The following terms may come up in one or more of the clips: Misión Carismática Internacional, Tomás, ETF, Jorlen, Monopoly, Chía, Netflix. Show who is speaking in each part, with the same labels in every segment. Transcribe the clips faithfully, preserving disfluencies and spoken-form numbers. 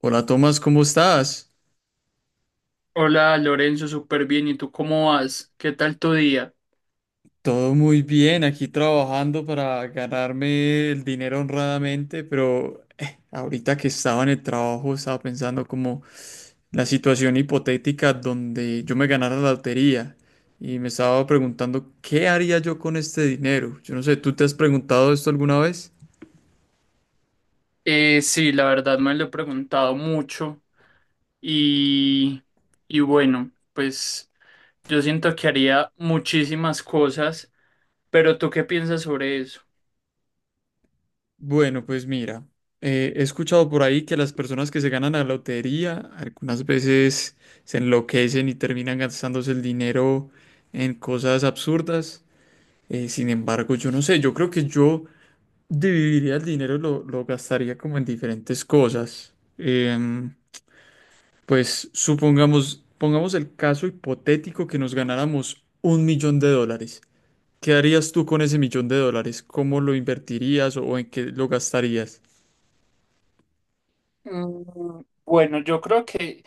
Speaker 1: Hola Tomás, ¿cómo estás?
Speaker 2: Hola Lorenzo, súper bien. ¿Y tú cómo vas? ¿Qué tal tu día?
Speaker 1: Todo muy bien, aquí trabajando para ganarme el dinero honradamente, pero eh, ahorita que estaba en el trabajo estaba pensando como la situación hipotética donde yo me ganara la lotería y me estaba preguntando qué haría yo con este dinero. Yo no sé, ¿tú te has preguntado esto alguna vez?
Speaker 2: Eh, sí, la verdad me lo he preguntado mucho y, y bueno, pues yo siento que haría muchísimas cosas, pero ¿tú qué piensas sobre eso?
Speaker 1: Bueno, pues mira, eh, he escuchado por ahí que las personas que se ganan la lotería algunas veces se enloquecen y terminan gastándose el dinero en cosas absurdas. Eh, sin embargo, yo no sé, yo creo que yo dividiría el dinero, lo, lo gastaría como en diferentes cosas. Em, pues supongamos, pongamos el caso hipotético que nos ganáramos un millón de dólares. ¿Qué harías tú con ese millón de dólares? ¿Cómo lo invertirías o en qué lo gastarías?
Speaker 2: Mm, bueno, yo creo que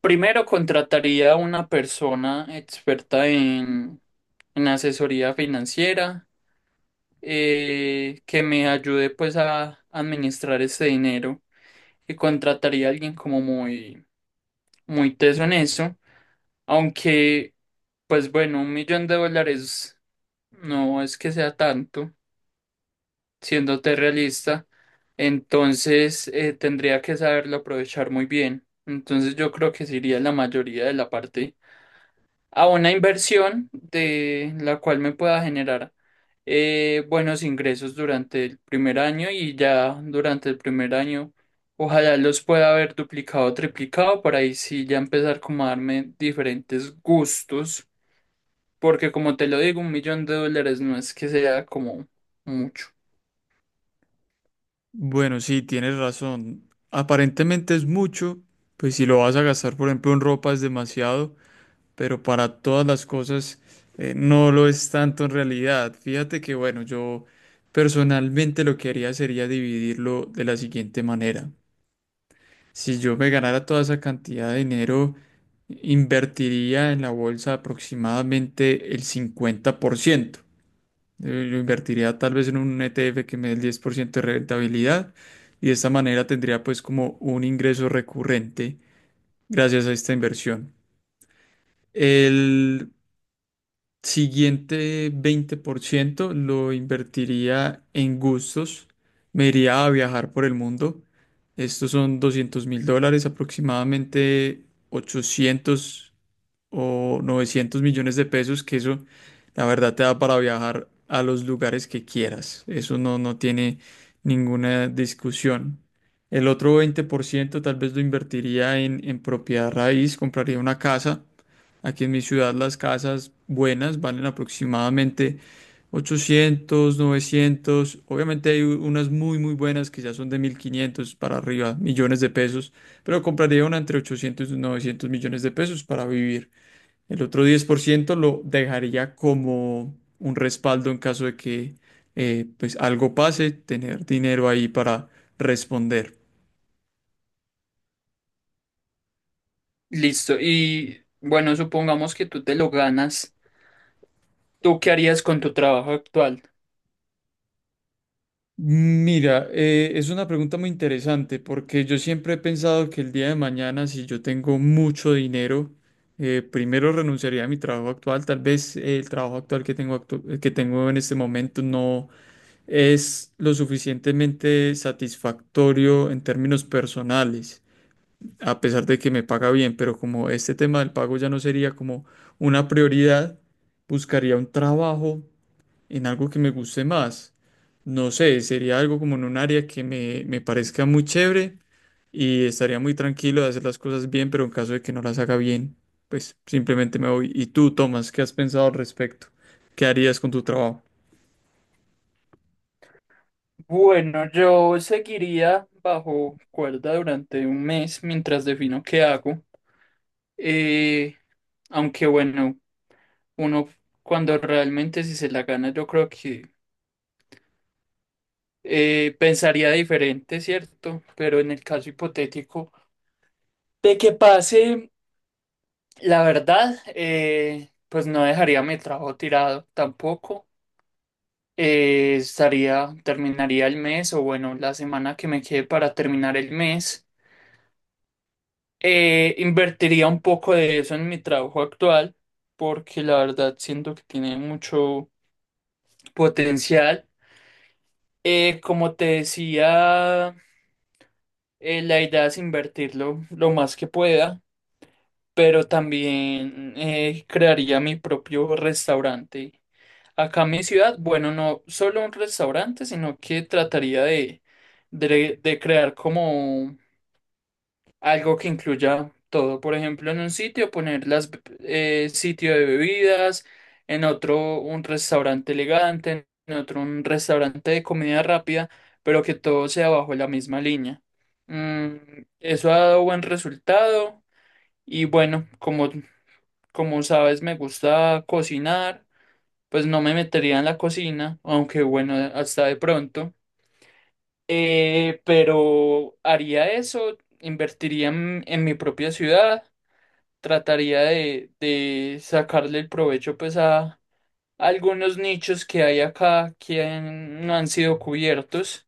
Speaker 2: primero contrataría a una persona experta en, en asesoría financiera, eh, que me ayude pues a administrar ese dinero y contrataría a alguien como muy muy teso en eso, aunque, pues bueno, un millón de dólares no es que sea tanto, siéndote realista. Entonces eh, tendría que saberlo aprovechar muy bien. Entonces yo creo que sería la mayoría de la parte a una inversión de la cual me pueda generar, eh, buenos ingresos durante el primer año, y ya durante el primer año ojalá los pueda haber duplicado o triplicado para ahí sí ya empezar como a darme diferentes gustos, porque como te lo digo, un millón de dólares no es que sea como mucho.
Speaker 1: Bueno, sí, tienes razón. Aparentemente es mucho, pues si lo vas a gastar, por ejemplo, en ropa es demasiado, pero para todas las cosas eh, no lo es tanto en realidad. Fíjate que, bueno, yo personalmente lo que haría sería dividirlo de la siguiente manera. Si yo me ganara toda esa cantidad de dinero, invertiría en la bolsa aproximadamente el cincuenta por ciento. Yo, yo invertiría tal vez en un E T F que me dé el diez por ciento de rentabilidad y de esta manera tendría pues como un ingreso recurrente gracias a esta inversión. El siguiente veinte por ciento lo invertiría en gustos. Me iría a viajar por el mundo. Estos son doscientos mil dólares, aproximadamente ochocientos o novecientos millones de pesos, que eso la verdad te da para viajar a los lugares que quieras. Eso no, no tiene ninguna discusión. El otro veinte por ciento tal vez lo invertiría en, en propiedad raíz, compraría una casa. Aquí en mi ciudad las casas buenas valen aproximadamente ochocientos novecientos. Obviamente hay u- unas muy, muy buenas que ya son de mil quinientos para arriba, millones de pesos, pero compraría una entre ochocientos y novecientos millones de pesos para vivir. El otro diez por ciento lo dejaría como un respaldo en caso de que eh, pues algo pase, tener dinero ahí para responder.
Speaker 2: Listo, y bueno, supongamos que tú te lo ganas, ¿tú qué harías con tu trabajo actual?
Speaker 1: Mira, eh, es una pregunta muy interesante porque yo siempre he pensado que el día de mañana, si yo tengo mucho dinero, eh, primero renunciaría a mi trabajo actual. Tal vez eh, el trabajo actual que tengo, actu- que tengo en este momento no es lo suficientemente satisfactorio en términos personales. A pesar de que me paga bien, pero como este tema del pago ya no sería como una prioridad, buscaría un trabajo en algo que me guste más. No sé, sería algo como en un área que me, me parezca muy chévere y estaría muy tranquilo de hacer las cosas bien, pero en caso de que no las haga bien, pues simplemente me voy. ¿Y tú, Tomás, qué has pensado al respecto? ¿Qué harías con tu trabajo?
Speaker 2: Bueno, yo seguiría bajo cuerda durante un mes mientras defino qué hago. Eh, aunque bueno, uno cuando realmente si se la gana, yo creo que eh, pensaría diferente, ¿cierto? Pero en el caso hipotético de que pase, la verdad, eh, pues no dejaría mi trabajo tirado tampoco. Eh, estaría, terminaría el mes o bueno, la semana que me quede para terminar el mes. Eh, invertiría un poco de eso en mi trabajo actual, porque la verdad siento que tiene mucho potencial. Eh, como te decía, eh, la idea es invertirlo lo más que pueda, pero también eh, crearía mi propio restaurante acá en mi ciudad. Bueno, no solo un restaurante, sino que trataría de, de, de crear como algo que incluya todo. Por ejemplo, en un sitio poner las be- eh, sitio de bebidas, en otro un restaurante elegante, en otro un restaurante de comida rápida, pero que todo sea bajo la misma línea. Mm, eso ha dado buen resultado. Y bueno, como, como sabes, me gusta cocinar, pues no me metería en la cocina, aunque bueno, hasta de pronto. Eh, pero haría eso, invertiría en en mi propia ciudad, trataría de, de sacarle el provecho pues a algunos nichos que hay acá que han- no han sido cubiertos.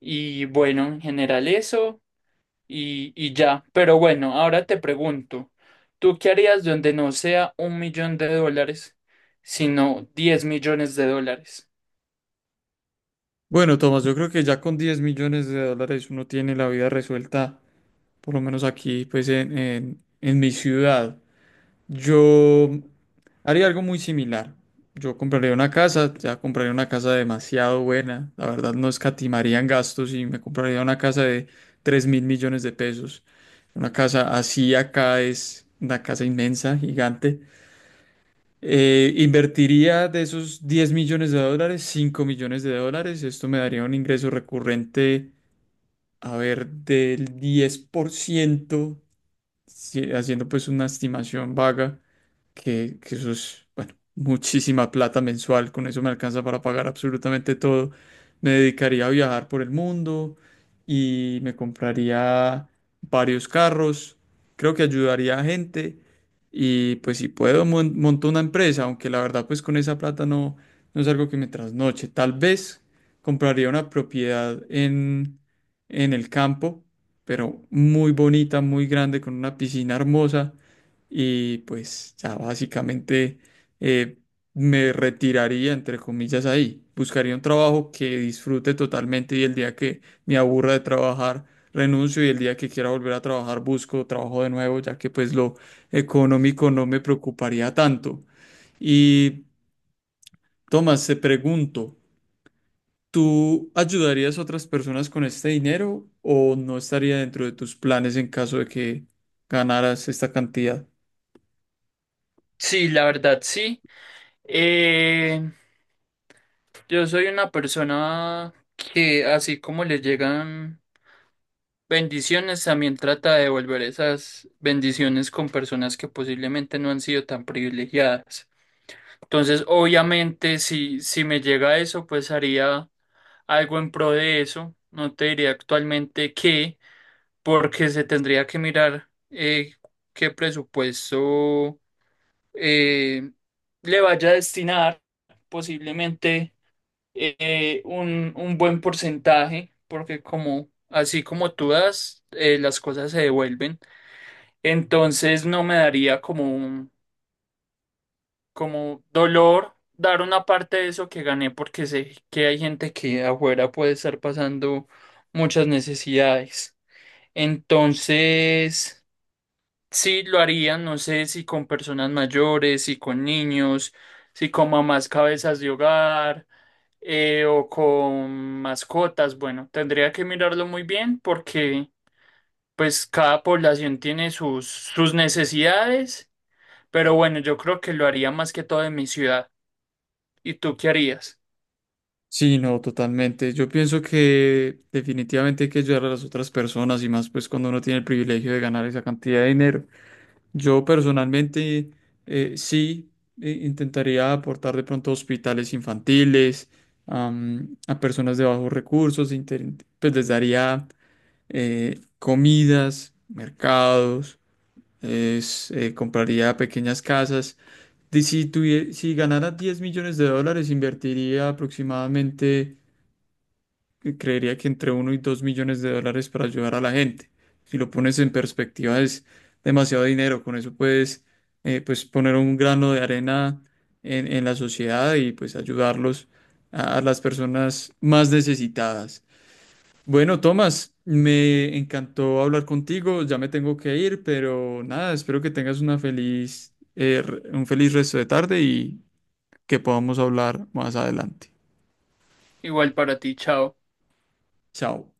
Speaker 2: Y bueno, en general eso y, y ya. Pero bueno, ahora te pregunto, ¿tú qué harías donde no sea un millón de dólares, sino diez millones de dólares?
Speaker 1: Bueno, Tomás, yo creo que ya con diez millones de dólares uno tiene la vida resuelta, por lo menos aquí, pues en, en en mi ciudad. Yo haría algo muy similar. Yo compraría una casa, ya compraría una casa demasiado buena. La verdad no escatimaría en gastos y me compraría una casa de tres mil millones de pesos. Una casa así acá es una casa inmensa, gigante. Eh, invertiría de esos diez millones de dólares, cinco millones de dólares. Esto me daría un ingreso recurrente, a ver, del diez por ciento, si- haciendo pues una estimación vaga que, que eso es, bueno, muchísima plata mensual, con eso me alcanza para pagar absolutamente todo. Me dedicaría a viajar por el mundo y me compraría varios carros, creo que ayudaría a gente y pues si puedo mon- monto una empresa, aunque la verdad pues con esa plata no, no es algo que me trasnoche. Tal vez compraría una propiedad en, en el campo, pero muy bonita, muy grande, con una piscina hermosa y pues ya básicamente eh, me retiraría, entre comillas, ahí. Buscaría un trabajo que disfrute totalmente y el día que me aburra de trabajar, renuncio y el día que quiera volver a trabajar, busco trabajo de nuevo, ya que pues lo económico no me preocuparía tanto. Y Tomás, te pregunto, ¿tú ayudarías a otras personas con este dinero o no estaría dentro de tus planes en caso de que ganaras esta cantidad?
Speaker 2: Sí, la verdad, sí. Eh, yo soy una persona que así como le llegan bendiciones, también trata de devolver esas bendiciones con personas que posiblemente no han sido tan privilegiadas. Entonces, obviamente, si, si me llega eso, pues haría algo en pro de eso. No te diría actualmente qué, porque se tendría que mirar, eh, qué presupuesto eh, le vaya a destinar, posiblemente eh, un, un buen porcentaje, porque como así como tú das, eh, las cosas se devuelven. Entonces no me daría como un como dolor dar una parte de eso que gané, porque sé que hay gente que afuera puede estar pasando muchas necesidades. Entonces, sí lo haría, no sé si con personas mayores, si con niños, si con mamás cabezas de hogar, eh, o con mascotas. Bueno, tendría que mirarlo muy bien porque pues cada población tiene sus, sus necesidades. Pero bueno, yo creo que lo haría más que todo en mi ciudad. ¿Y tú qué harías?
Speaker 1: Sí, no, totalmente. Yo pienso que definitivamente hay que ayudar a las otras personas y más pues cuando uno tiene el privilegio de ganar esa cantidad de dinero. Yo personalmente eh, sí eh, intentaría aportar de pronto a hospitales infantiles, am, a personas de bajos recursos, inter- pues les daría eh, comidas, mercados, es, eh, compraría pequeñas casas. Y si tuvie- si ganara diez millones de dólares, invertiría aproximadamente que creería que entre uno y dos millones de dólares para ayudar a la gente. Si lo pones en perspectiva es demasiado dinero, con eso puedes eh, pues poner un grano de arena en, en la sociedad y pues ayudarlos a, a las personas más necesitadas. Bueno, Tomás, me encantó hablar contigo, ya me tengo que ir, pero nada, espero que tengas una feliz, eh, re- un feliz resto de tarde y que podamos hablar más adelante.
Speaker 2: Igual para ti, chao.
Speaker 1: Chao.